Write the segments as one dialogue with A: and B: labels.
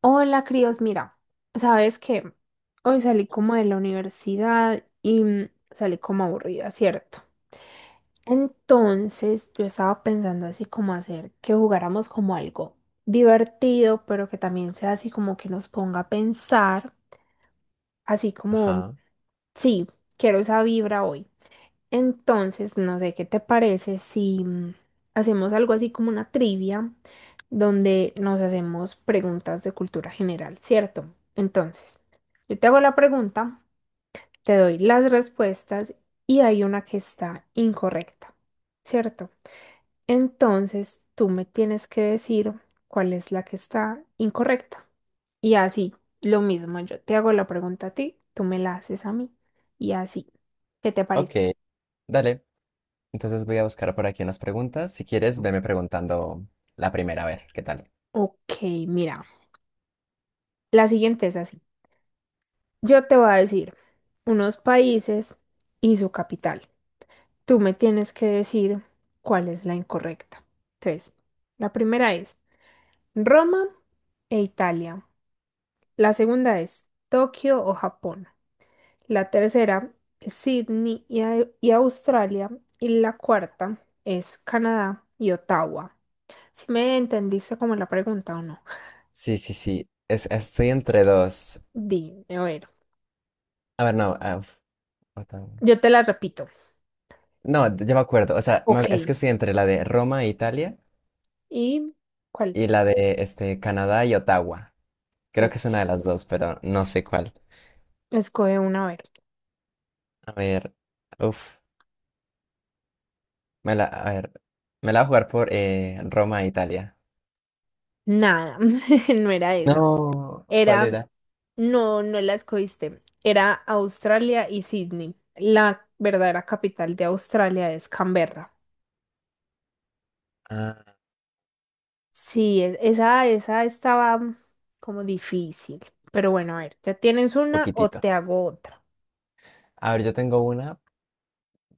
A: Hola, críos, mira, sabes que hoy salí como de la universidad y salí como aburrida, ¿cierto? Entonces yo estaba pensando así como hacer que jugáramos como algo divertido, pero que también sea así como que nos ponga a pensar, así como,
B: Ajá.
A: sí, quiero esa vibra hoy. Entonces, no sé qué te parece si hacemos algo así como una trivia donde nos hacemos preguntas de cultura general, ¿cierto? Entonces, yo te hago la pregunta, te doy las respuestas y hay una que está incorrecta, ¿cierto? Entonces, tú me tienes que decir cuál es la que está incorrecta. Y así, lo mismo, yo te hago la pregunta a ti, tú me la haces a mí y así. ¿Qué te
B: Ok,
A: parece?
B: dale. Entonces voy a buscar por aquí unas preguntas. Si quieres, veme preguntando la primera, a ver, ¿qué tal?
A: Ok, mira. La siguiente es así. Yo te voy a decir unos países y su capital. Tú me tienes que decir cuál es la incorrecta. Entonces, la primera es Roma e Italia. La segunda es Tokio o Japón. La tercera es Sydney y, Australia. Y la cuarta es Canadá y Ottawa. Si me entendiste como la pregunta o no.
B: Sí, sí, sí. Estoy entre dos.
A: Dime, a ver,
B: A ver, no. Otra-
A: yo te la repito.
B: No, ya me acuerdo. O sea, es que
A: Ok.
B: estoy entre la de Roma e Italia
A: ¿Y cuál?
B: y la de este, Canadá y Ottawa. Creo que es una de las dos, pero no sé cuál.
A: Escoge una, a ver.
B: A ver. Uf. Me la, a ver. Me la voy a jugar por Roma e Italia.
A: Nada, no era esa.
B: No, ¿cuál
A: Era,
B: era?
A: no, no la escogiste. Era Australia y Sydney. La verdadera capital de Australia es Canberra.
B: Ah,
A: Sí, esa, esa estaba como difícil. Pero bueno, a ver, ¿ya tienes una o
B: poquitito.
A: te hago otra?
B: A ver, yo tengo una,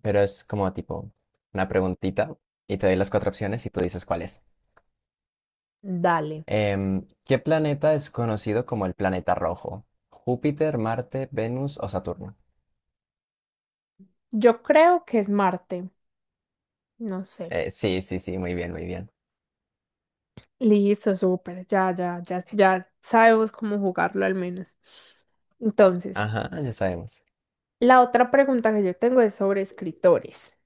B: pero es como tipo una preguntita y te doy las cuatro opciones y tú dices cuál es.
A: Dale.
B: ¿Qué planeta es conocido como el planeta rojo? ¿Júpiter, Marte, Venus o Saturno?
A: Yo creo que es Marte. No sé.
B: Sí, sí, sí, muy bien, muy bien.
A: Listo, súper. Ya sabemos cómo jugarlo al menos. Entonces.
B: Ajá, ya sabemos.
A: La otra pregunta que yo tengo es sobre escritores.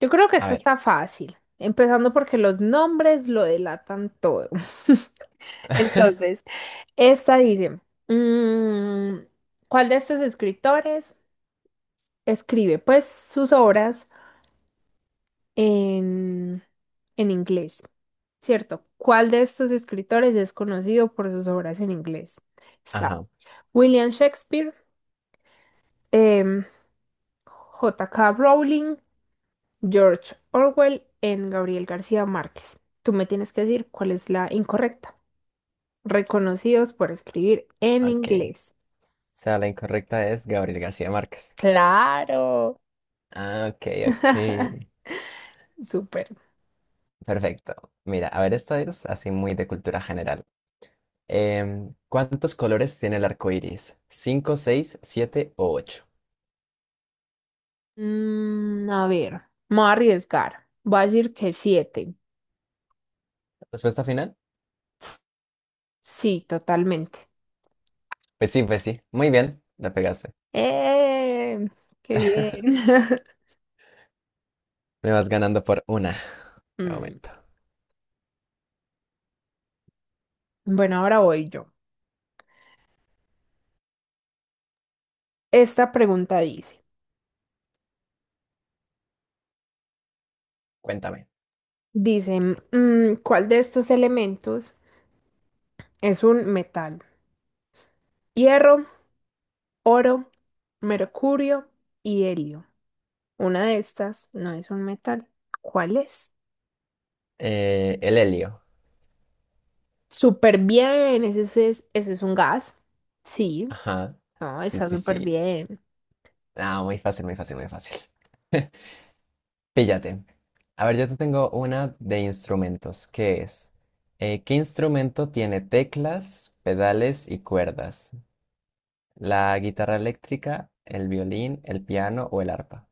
A: Yo creo que
B: A
A: esta
B: ver.
A: está fácil, empezando porque los nombres lo delatan todo. Entonces, esta dice, mm, ¿cuál de estos escritores escribe pues sus obras en, en inglés? ¿Cierto? ¿Cuál de estos escritores es conocido por sus obras en inglés? Está
B: Ajá,
A: William Shakespeare, em, J.K. Rowling, George Orwell en Gabriel García Márquez. Tú me tienes que decir cuál es la incorrecta. Reconocidos por escribir en
B: ok.
A: inglés.
B: O sea, la incorrecta es Gabriel García Márquez.
A: Claro.
B: Ah, ok, ok.
A: Súper.
B: Perfecto. Mira, a ver, esta es así muy de cultura general. ¿Cuántos colores tiene el arco iris? ¿Cinco, seis, siete o ocho?
A: A ver, me voy a arriesgar. Voy a decir que 7.
B: ¿Respuesta final?
A: Sí, totalmente.
B: Pues sí, pues sí. Muy bien, la pegaste.
A: ¡Eh! ¡Qué bien!
B: Me vas ganando por una, de
A: Mm.
B: momento.
A: Bueno, ahora voy yo. Esta pregunta dice,
B: Cuéntame.
A: ¿cuál de estos elementos es un metal? Hierro, oro, mercurio y helio. Una de estas no es un metal. ¿Cuál es?
B: El helio.
A: Súper bien, eso es un gas. Sí,
B: Ajá.
A: no,
B: Sí,
A: está
B: sí,
A: súper
B: sí.
A: bien.
B: Ah, muy fácil, muy fácil, muy fácil. Píllate. A ver, yo te tengo una de instrumentos. ¿Qué es? ¿Qué instrumento tiene teclas, pedales y cuerdas? ¿La guitarra eléctrica, el violín, el piano o el arpa?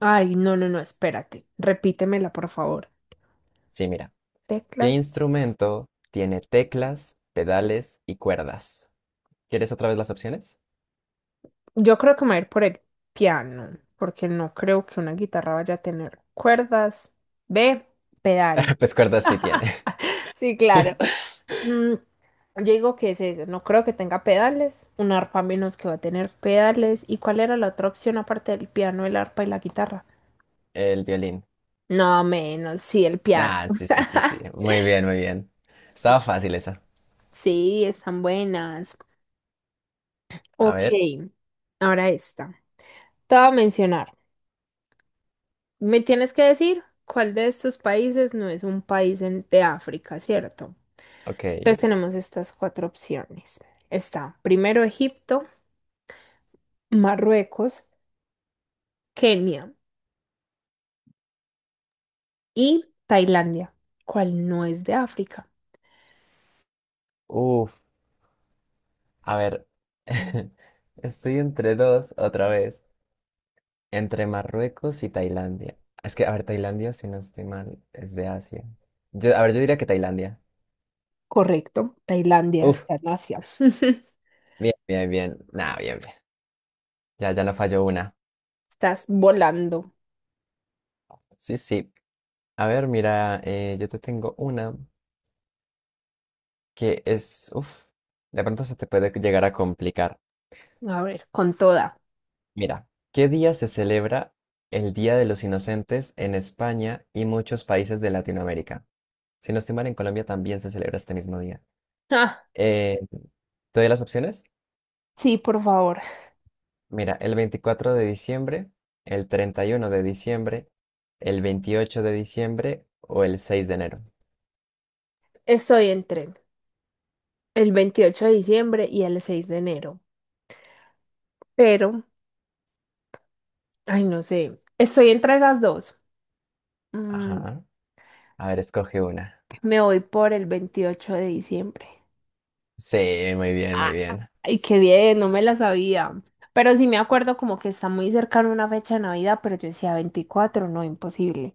A: Ay, no, espérate. Repítemela, por favor.
B: Sí, mira. ¿Qué
A: Teclas.
B: instrumento tiene teclas, pedales y cuerdas? ¿Quieres otra vez las opciones?
A: Yo creo que me voy a ir por el piano, porque no creo que una guitarra vaya a tener cuerdas. Ve.
B: Pues
A: Pedales.
B: cuerdas sí tiene.
A: Sí, claro. Mm. Yo digo que es eso, no creo que tenga pedales, un arpa menos que va a tener pedales. ¿Y cuál era la otra opción aparte del piano, el arpa y la guitarra?
B: El violín.
A: No, menos, sí, el piano.
B: Ah, sí, sí, sí, sí. Muy bien, muy bien. Estaba fácil esa.
A: Sí, están buenas.
B: A
A: Ok,
B: ver,
A: ahora esta. Te voy a mencionar. Me tienes que decir cuál de estos países no es un país de África, ¿cierto?
B: ok.
A: Entonces tenemos estas cuatro opciones. Está primero Egipto, Marruecos, Kenia y Tailandia, cual no es de África.
B: Uf, a ver. Estoy entre dos otra vez. Entre Marruecos y Tailandia. Es que, a ver, Tailandia, si no estoy mal, es de Asia. Yo, a ver, yo diría que Tailandia.
A: Correcto, Tailandia
B: Uf,
A: está en Asia.
B: bien, bien, bien. Nah, bien, bien. Ya, ya no falló una.
A: Estás volando.
B: Sí, sí. A ver, mira, yo te tengo una que es, uff, de pronto se te puede llegar a complicar.
A: A ver, con toda.
B: Mira, ¿qué día se celebra el Día de los Inocentes en España y muchos países de Latinoamérica? Si no estoy mal, en Colombia también se celebra este mismo día.
A: Ah,
B: Eh, ¿Te doy las opciones?
A: sí, por favor.
B: Mira, el 24 de diciembre, el 31 de diciembre, el 28 de diciembre o el 6 de enero.
A: Estoy en tren el 28 de diciembre y el 6 de enero. Pero, ay, no sé. Estoy entre esas dos. Mm,
B: Ajá. A ver, escoge una.
A: me voy por el 28 de diciembre.
B: Sí, muy bien, muy
A: Ah,
B: bien.
A: ay, qué bien, no me la sabía. Pero sí me acuerdo como que está muy cercana una fecha de Navidad, pero yo decía 24, no, imposible.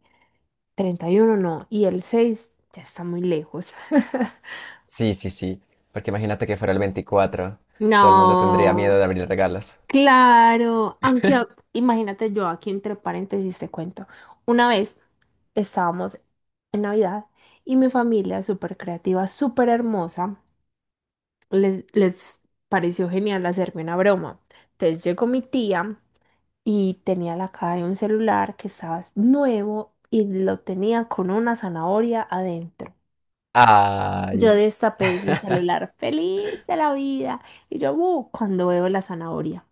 A: 31, no, y el 6 ya está muy lejos.
B: Sí, sí, sí. Porque imagínate que fuera el 24, todo el mundo tendría miedo de
A: No,
B: abrir regalos.
A: claro, imagínate, yo aquí entre paréntesis te cuento, una vez estábamos en Navidad y mi familia súper creativa, súper hermosa, les pareció genial hacerme una broma. Entonces llegó mi tía y tenía la caja de un celular que estaba nuevo y lo tenía con una zanahoria adentro. Yo
B: Ay.
A: destapé el celular, feliz de la vida. Y yo, cuando veo la zanahoria,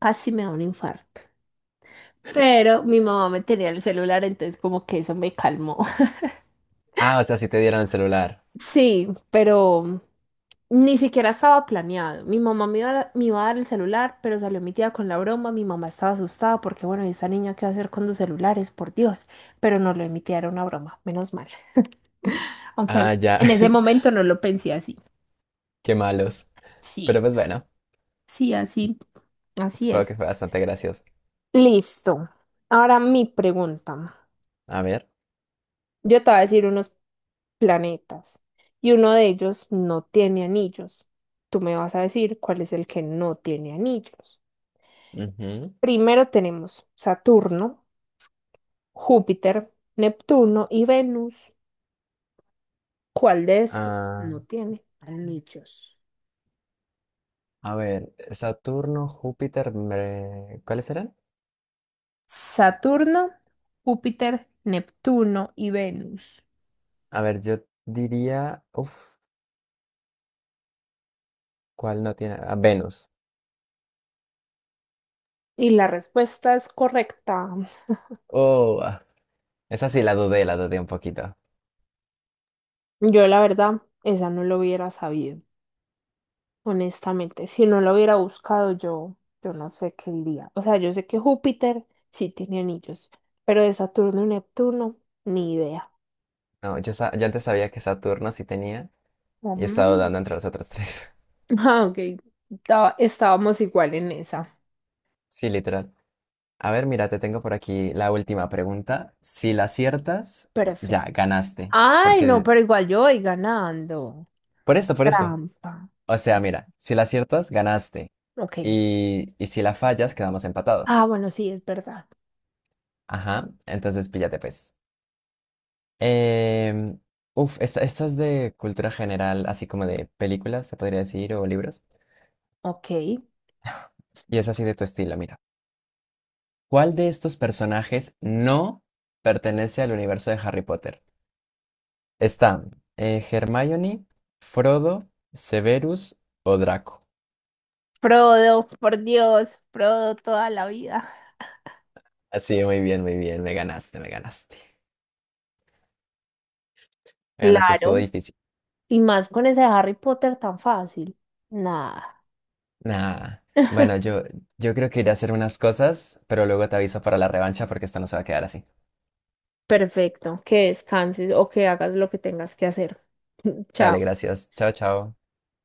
A: casi me da un infarto. Pero mi mamá me tenía el celular, entonces como que eso me calmó.
B: Ah, o sea, si te dieran el celular.
A: Sí, pero ni siquiera estaba planeado. Mi mamá me iba a dar el celular, pero salió mi tía con la broma. Mi mamá estaba asustada porque, bueno, ¿esa niña qué va a hacer con dos celulares? Por Dios. Pero no, lo de mi tía era una broma, menos mal. Aunque
B: Ah,
A: al-
B: ya.
A: en ese momento no lo pensé así.
B: Qué malos. Pero
A: Sí.
B: pues bueno,
A: Sí, así, así
B: supongo que
A: es.
B: fue bastante gracioso.
A: Listo. Ahora mi pregunta.
B: A ver.
A: Yo te voy a decir unos planetas y uno de ellos no tiene anillos. Tú me vas a decir cuál es el que no tiene anillos.
B: Ujú.
A: Primero tenemos Saturno, Júpiter, Neptuno y Venus. ¿Cuál de estos
B: Ah,
A: no tiene anillos?
B: a ver, Saturno, Júpiter, ¿cuáles eran?
A: Saturno, Júpiter, Neptuno y Venus.
B: A ver, yo diría, uf, ¿cuál no tiene? Ah, Venus.
A: Y la respuesta es correcta.
B: Oh, ah, esa sí la dudé un poquito.
A: Yo la verdad, esa no lo hubiera sabido, honestamente. Si no lo hubiera buscado, yo no sé qué diría. O sea, yo sé que Júpiter sí tiene anillos, pero de Saturno y Neptuno, ni idea.
B: No, yo, yo antes sabía que Saturno sí tenía, y he estado
A: Ujú.
B: dando entre los otros tres.
A: Ah, ok. Estábamos igual en esa.
B: Sí, literal. A ver, mira, te tengo por aquí la última pregunta. Si la aciertas, ya,
A: Perfecto.
B: ganaste.
A: Ay, no,
B: Porque,
A: pero igual yo voy ganando.
B: por eso, por eso.
A: Trampa.
B: O sea, mira, si la aciertas, ganaste.
A: Ok.
B: Y si la fallas, quedamos empatados.
A: Ah, bueno, sí, es verdad.
B: Ajá, entonces píllate pues. Em, uf, esta es de cultura general, así como de películas, se podría decir, o libros.
A: Ok.
B: Y es así de tu estilo, mira. ¿Cuál de estos personajes no pertenece al universo de Harry Potter? Están Hermione, Frodo, Severus o Draco.
A: Frodo, por Dios, Frodo toda la vida.
B: Así, muy bien, muy bien. Me ganaste, me ganaste. Me ganaste, estuvo
A: Claro.
B: difícil.
A: Y más con ese Harry Potter tan fácil. Nada.
B: Nah. Bueno, yo creo que iré a hacer unas cosas, pero luego te aviso para la revancha porque esto no se va a quedar así.
A: Perfecto. Que descanses o que hagas lo que tengas que hacer.
B: Dale,
A: Chao.
B: gracias. Chao, chao.